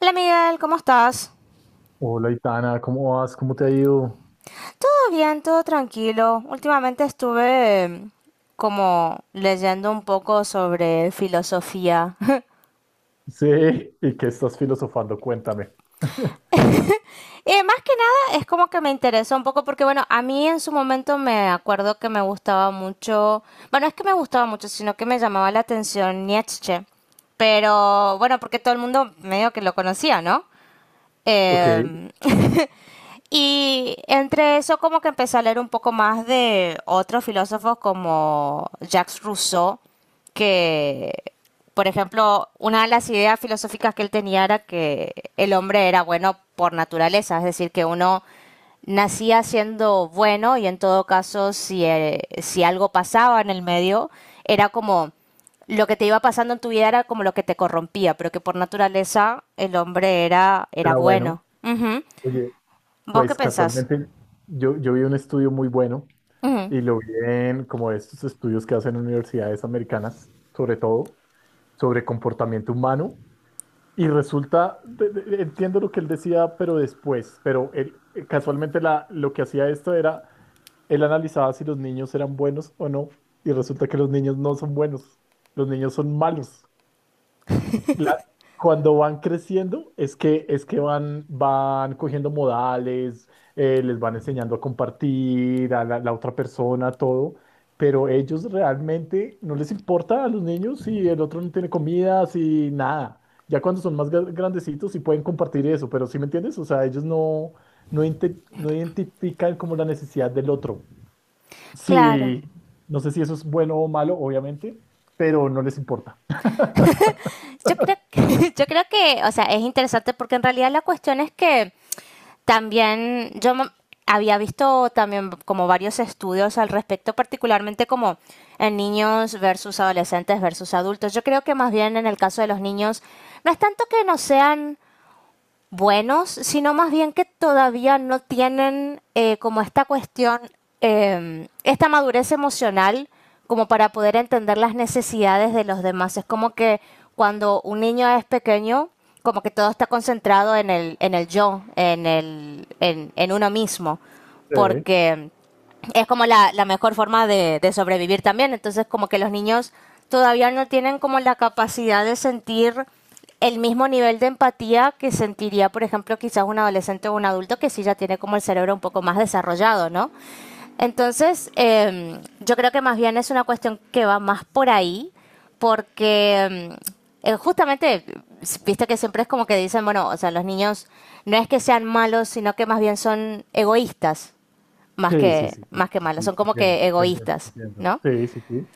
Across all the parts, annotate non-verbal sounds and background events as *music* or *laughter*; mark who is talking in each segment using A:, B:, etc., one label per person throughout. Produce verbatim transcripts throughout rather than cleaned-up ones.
A: Hola Miguel, ¿cómo estás?
B: Hola, Itana, ¿cómo vas? ¿Cómo te ha ido? *laughs*
A: Todo bien, todo tranquilo. Últimamente estuve eh, como leyendo un poco sobre filosofía. *laughs*
B: Sí, ¿y qué estás filosofando? Cuéntame.
A: Y más que nada es como que me interesa un poco porque bueno, a mí en su momento me acuerdo que me gustaba mucho, bueno, es que me gustaba mucho, sino que me llamaba la atención Nietzsche. Pero bueno, porque todo el mundo medio que lo conocía, ¿no?
B: Ok,
A: Eh, *laughs* Y entre eso como que empecé a leer un poco más de otros filósofos como Jacques Rousseau, que, por ejemplo, una de las ideas filosóficas que él tenía era que el hombre era bueno por naturaleza, es decir, que uno nacía siendo bueno y en todo caso si, eh, si algo pasaba en el medio, era como lo que te iba pasando en tu vida era como lo que te corrompía, pero que por naturaleza el hombre era, era
B: era bueno.
A: bueno. Ujú.
B: Oye,
A: ¿Vos qué
B: pues
A: pensás?
B: casualmente yo, yo vi un estudio muy bueno
A: Ujú.
B: y lo vi en como estos estudios que hacen universidades americanas, sobre todo, sobre comportamiento humano. Y resulta, de- de- entiendo lo que él decía, pero después, pero él, eh, casualmente la, lo que hacía esto era, él analizaba si los niños eran buenos o no, y resulta que los niños no son buenos, los niños son malos. la- Cuando van creciendo es que, es que van, van cogiendo modales, eh, les van enseñando a compartir, a la, la otra persona, todo, pero ellos realmente no les importa a los niños si el otro no tiene comida, si nada. Ya cuando son más gra- grandecitos sí pueden compartir eso, pero ¿sí me entiendes? O sea, ellos no, no, inte- no identifican como la necesidad del otro.
A: Claro.
B: Sí, no sé si eso es bueno o malo, obviamente, pero no les importa. *laughs*
A: Yo creo, que- *laughs* yo creo que, o sea, es interesante porque en realidad la cuestión es que también yo m- había visto también como varios estudios al respecto, particularmente como en niños versus adolescentes versus adultos. Yo creo que más bien en el caso de los niños, no es tanto que no sean buenos, sino más bien que todavía no tienen eh, como esta cuestión, eh, esta madurez emocional como para poder entender las necesidades de los demás. Es como que cuando un niño es pequeño, como que todo está concentrado en el, en el yo, en, el, en, en uno mismo,
B: Sí.
A: porque es como la, la mejor forma de, de sobrevivir también. Entonces, como que los niños todavía no tienen como la capacidad de sentir el mismo nivel de empatía que sentiría, por ejemplo, quizás un adolescente o un adulto que sí ya tiene como el cerebro un poco más desarrollado, ¿no? Entonces, eh, yo creo que más bien es una cuestión que va más por ahí, porque em, eh, justamente, viste que siempre es como que dicen, bueno, o sea, los niños no es que sean malos, sino que más bien son egoístas, más
B: Sí, sí,
A: que,
B: sí, sí,
A: más que
B: sí,
A: malas,
B: sí,
A: son como
B: te entiendo,
A: que
B: te entiendo, te
A: egoístas,
B: entiendo.
A: ¿no?
B: Sí, sí, sí.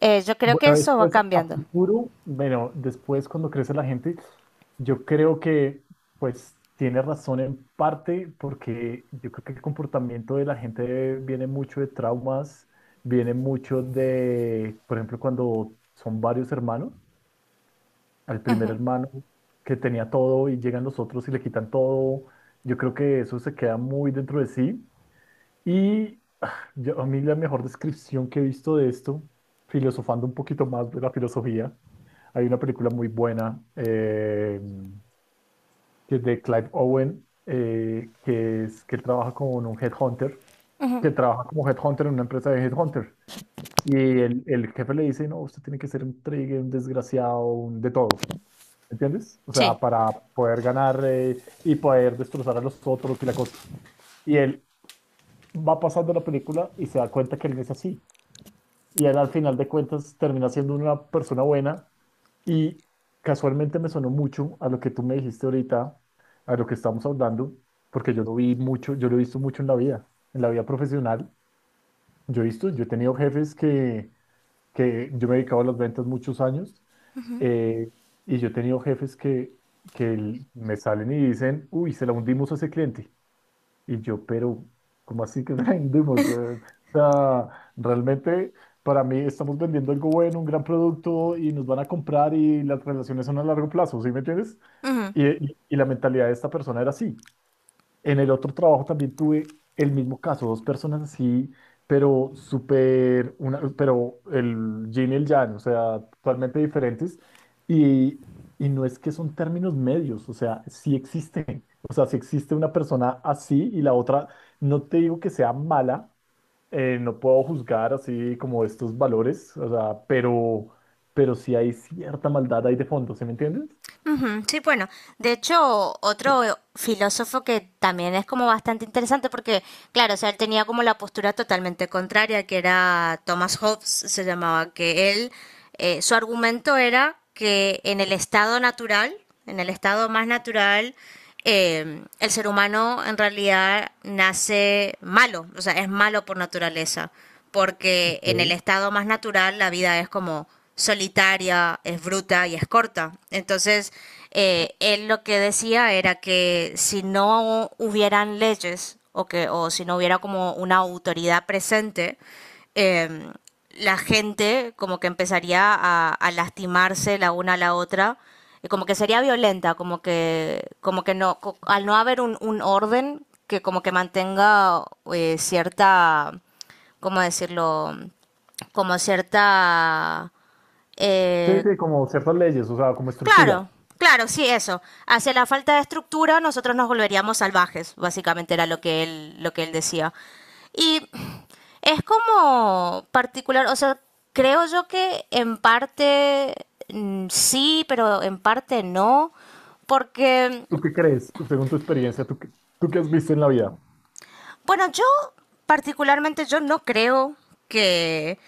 A: Eh, yo creo que
B: Bueno,
A: eso va
B: después a
A: cambiando.
B: futuro, bueno, después cuando crece la gente, yo creo que pues tiene razón en parte porque yo creo que el comportamiento de la gente viene mucho de traumas, viene mucho de, por ejemplo, cuando son varios hermanos, al primer hermano que tenía todo y llegan los otros y le quitan todo, yo creo que eso se queda muy dentro de sí. Y ah, yo- a mí la mejor descripción que he visto de esto, filosofando un poquito más de la filosofía, hay una película muy buena eh, que es de Clive Owen, eh, que es que él trabaja con un headhunter, que trabaja como headhunter en una empresa de headhunter. Y el, el jefe le dice, no, usted tiene que ser un trigger, un desgraciado, un de todo. ¿Entiendes? O sea,
A: Sí.
B: para poder ganar eh, y poder destrozar a los otros y la cosa. Y él va pasando la película y se da cuenta que él no es así y él al final de cuentas termina siendo una persona buena y casualmente me sonó mucho a lo que tú me dijiste ahorita, a lo que estamos hablando, porque yo lo vi mucho, yo lo he visto mucho en la vida, en la vida profesional. Yo he visto, yo he tenido jefes que, que yo me he dedicado a las ventas muchos años eh, y yo he tenido jefes que, que el- me salen y dicen, uy, se la hundimos a ese cliente. Y yo, pero, ¿cómo así que *laughs* vendemos? Eh, o sea, realmente para mí estamos vendiendo algo bueno, un gran producto y nos van a comprar y las relaciones son a largo plazo, ¿sí me entiendes?
A: Ujú,
B: Y, y- y la mentalidad de esta persona era así. En el otro trabajo también tuve el mismo caso, dos personas así, pero súper, una, pero el yin y el yang, o sea, totalmente diferentes. Y, y no es que son términos medios, o sea, sí existen. O sea, si existe una persona así y la otra, no te digo que sea mala, eh, no puedo juzgar así como estos valores, o sea, pero, pero sí hay cierta maldad ahí de fondo, ¿sí me entiendes?
A: ujú. Sí, bueno, de hecho, otro filósofo que también es como bastante interesante porque, claro, o sea, él tenía como la postura totalmente contraria, que era Thomas Hobbes, se llamaba, que él, eh, su argumento era que en el estado natural, en el estado más natural, eh, el ser humano en realidad nace malo, o sea, es malo por naturaleza. Porque en el
B: Ok.
A: estado más natural la vida es como solitaria, es bruta y es corta. Entonces, eh, él lo que decía era que si no hubieran leyes o, que, o si no hubiera como una autoridad presente, eh, la gente como que empezaría a, a lastimarse la una a la otra y como que sería violenta, como que, como que no, co- al no haber un, un orden que como que mantenga eh, cierta ¿cómo decirlo? Como cierta...
B: Sí,
A: eh,
B: sí, como ciertas leyes, o sea, como estructura.
A: claro, claro, sí, eso. Hacia la falta de estructura nosotros nos volveríamos salvajes, básicamente era lo que él, lo que él decía. Y es como particular, o sea, creo yo que en parte mm, sí, pero en parte no, porque,
B: ¿Tú qué crees? Tú, según tu experiencia, ¿tú qué, tú qué has visto en la vida?
A: bueno, yo particularmente yo no creo que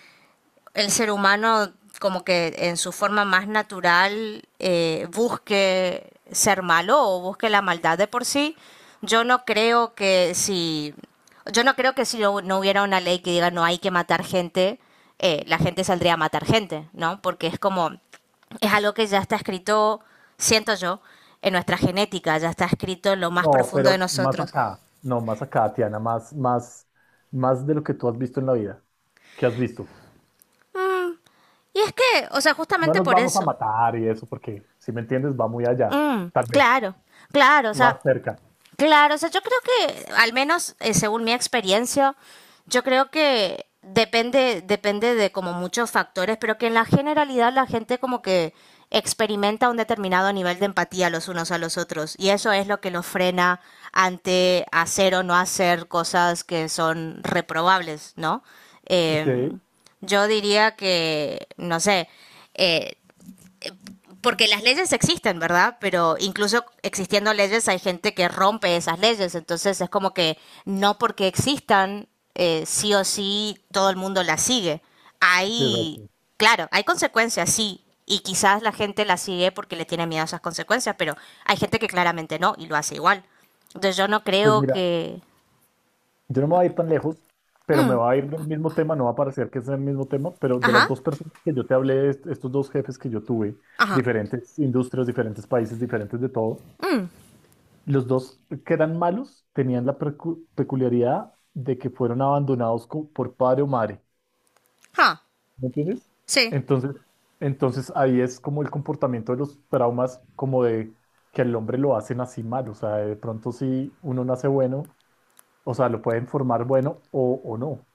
A: el ser humano como que en su forma más natural eh, busque ser malo o busque la maldad de por sí. Yo no creo que si yo no creo que si no, no hubiera una ley que diga no hay que matar gente, eh, la gente saldría a matar gente, ¿no? Porque es como es algo que ya está escrito, siento yo, en nuestra genética, ya está escrito en lo más
B: No,
A: profundo de
B: pero más
A: nosotros.
B: acá, no, más acá, Tiana, más, más, más de lo que tú has visto en la vida. ¿Qué has visto?
A: Y es que, o sea,
B: No
A: justamente
B: nos
A: por
B: vamos a
A: eso.
B: matar y eso, porque si me entiendes, va muy allá,
A: Mm,
B: tal vez,
A: claro, claro, o sea,
B: más cerca.
A: claro, o sea, yo creo que, al menos eh, según mi experiencia, yo creo que depende, depende de como muchos factores, pero que en la generalidad la gente como que experimenta un determinado nivel de empatía los unos a los otros y eso es lo que los frena ante hacer o no hacer cosas que son reprobables, ¿no?
B: Ok,
A: Em,
B: sí,
A: yo diría que, no sé, eh, porque las leyes existen, ¿verdad? Pero incluso existiendo leyes hay gente que rompe esas leyes, entonces es como que no porque existan, eh, sí o sí todo el mundo las sigue. Hay,
B: exacto.
A: claro, hay consecuencias, sí, y quizás la gente las sigue porque le tiene miedo a esas consecuencias, pero hay gente que claramente no y lo hace igual. Entonces yo no
B: Pues
A: creo
B: mira,
A: que...
B: yo no me voy a ir tan lejos, pero me va a ir del mismo tema, no va a parecer que es el mismo tema, pero de las
A: Ajá,
B: dos personas que yo te hablé, est- estos dos jefes que yo tuve,
A: ajá,
B: diferentes industrias, diferentes países, diferentes de todo. Los dos que eran malos tenían la percu- peculiaridad de que fueron abandonados co- por padre o madre.
A: ajá,
B: ¿Me entiendes?
A: sí.
B: Entonces, entonces ahí es como el comportamiento de los traumas, como de que al hombre lo hacen así mal. O sea, de pronto si uno nace bueno, o sea, lo pueden formar bueno o, o no.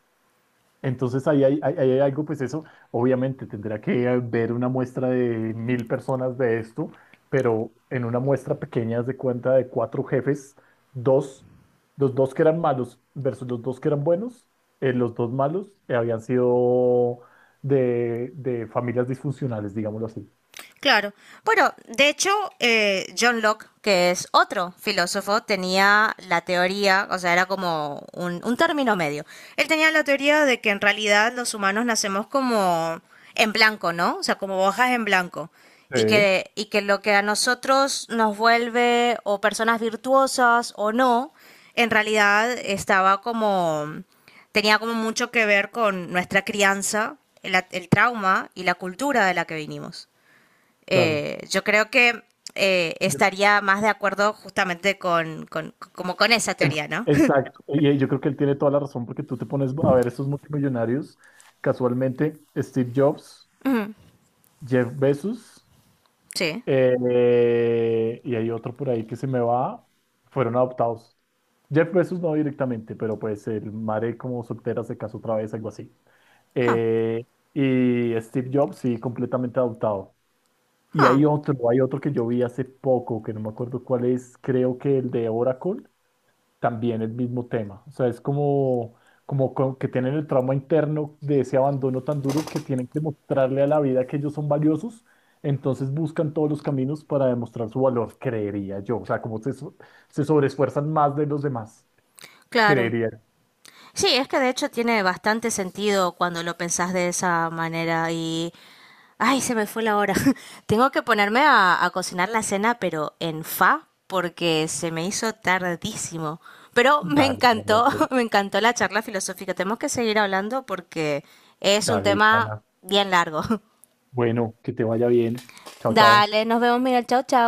B: Entonces ahí hay, ahí hay algo, pues eso, obviamente tendrá que eh, ver una muestra de mil personas de esto, pero en una muestra pequeña haz de cuenta de cuatro jefes, dos, los dos que eran malos versus los dos que eran buenos, eh, los dos malos eh, habían sido de, de familias disfuncionales, digámoslo así.
A: Claro. Bueno, de hecho, eh, John Locke, que es otro filósofo, tenía la teoría, o sea, era como un, un término medio. Él tenía la teoría de que en realidad los humanos nacemos como en blanco, ¿no? O sea, como hojas en blanco. Y
B: Sí.
A: que, y que lo que a nosotros nos vuelve o personas virtuosas o no, en realidad estaba como, tenía como mucho que ver con nuestra crianza, el, el trauma y la cultura de la que vinimos.
B: Claro.
A: Eh, yo creo que eh,
B: Yo-
A: estaría más de acuerdo justamente con, con, como con esa
B: el-
A: teoría, ¿no? *laughs*
B: exacto. Y eh, yo creo que él tiene toda la razón porque tú te pones a ver esos multimillonarios, casualmente Steve Jobs, Jeff Bezos.
A: Sí.
B: Eh, y hay otro por ahí que se me va. Fueron adoptados. Jeff Bezos no directamente, pero pues el madre como soltera se casó otra vez, algo así.
A: Ah,
B: Eh, y Steve Jobs, sí, completamente adoptado. Y
A: ah,
B: hay otro, hay otro que yo vi hace poco, que no me acuerdo cuál es, creo que el de Oracle, también el mismo tema. O sea, es como, como co- que tienen el trauma interno de ese abandono tan duro que tienen que mostrarle a la vida que ellos son valiosos. Entonces buscan todos los caminos para demostrar su valor, creería yo. O sea, como se, so- se sobreesfuerzan más de los demás,
A: claro.
B: creería.
A: Sí, es que de hecho tiene bastante sentido cuando lo pensás de esa manera y... Ay, se me fue la hora. *laughs* Tengo que ponerme a, a cocinar la cena, pero en fa, porque se me hizo tardísimo. Pero me
B: Dale, dale,
A: encantó,
B: dale,
A: *laughs* me encantó la charla filosófica. Tenemos que seguir hablando porque es un
B: dale,
A: tema
B: Itana.
A: bien largo. *laughs*
B: Bueno, que te vaya bien. Chao, chao.
A: Dale, nos vemos, Miguel. Chao, chao.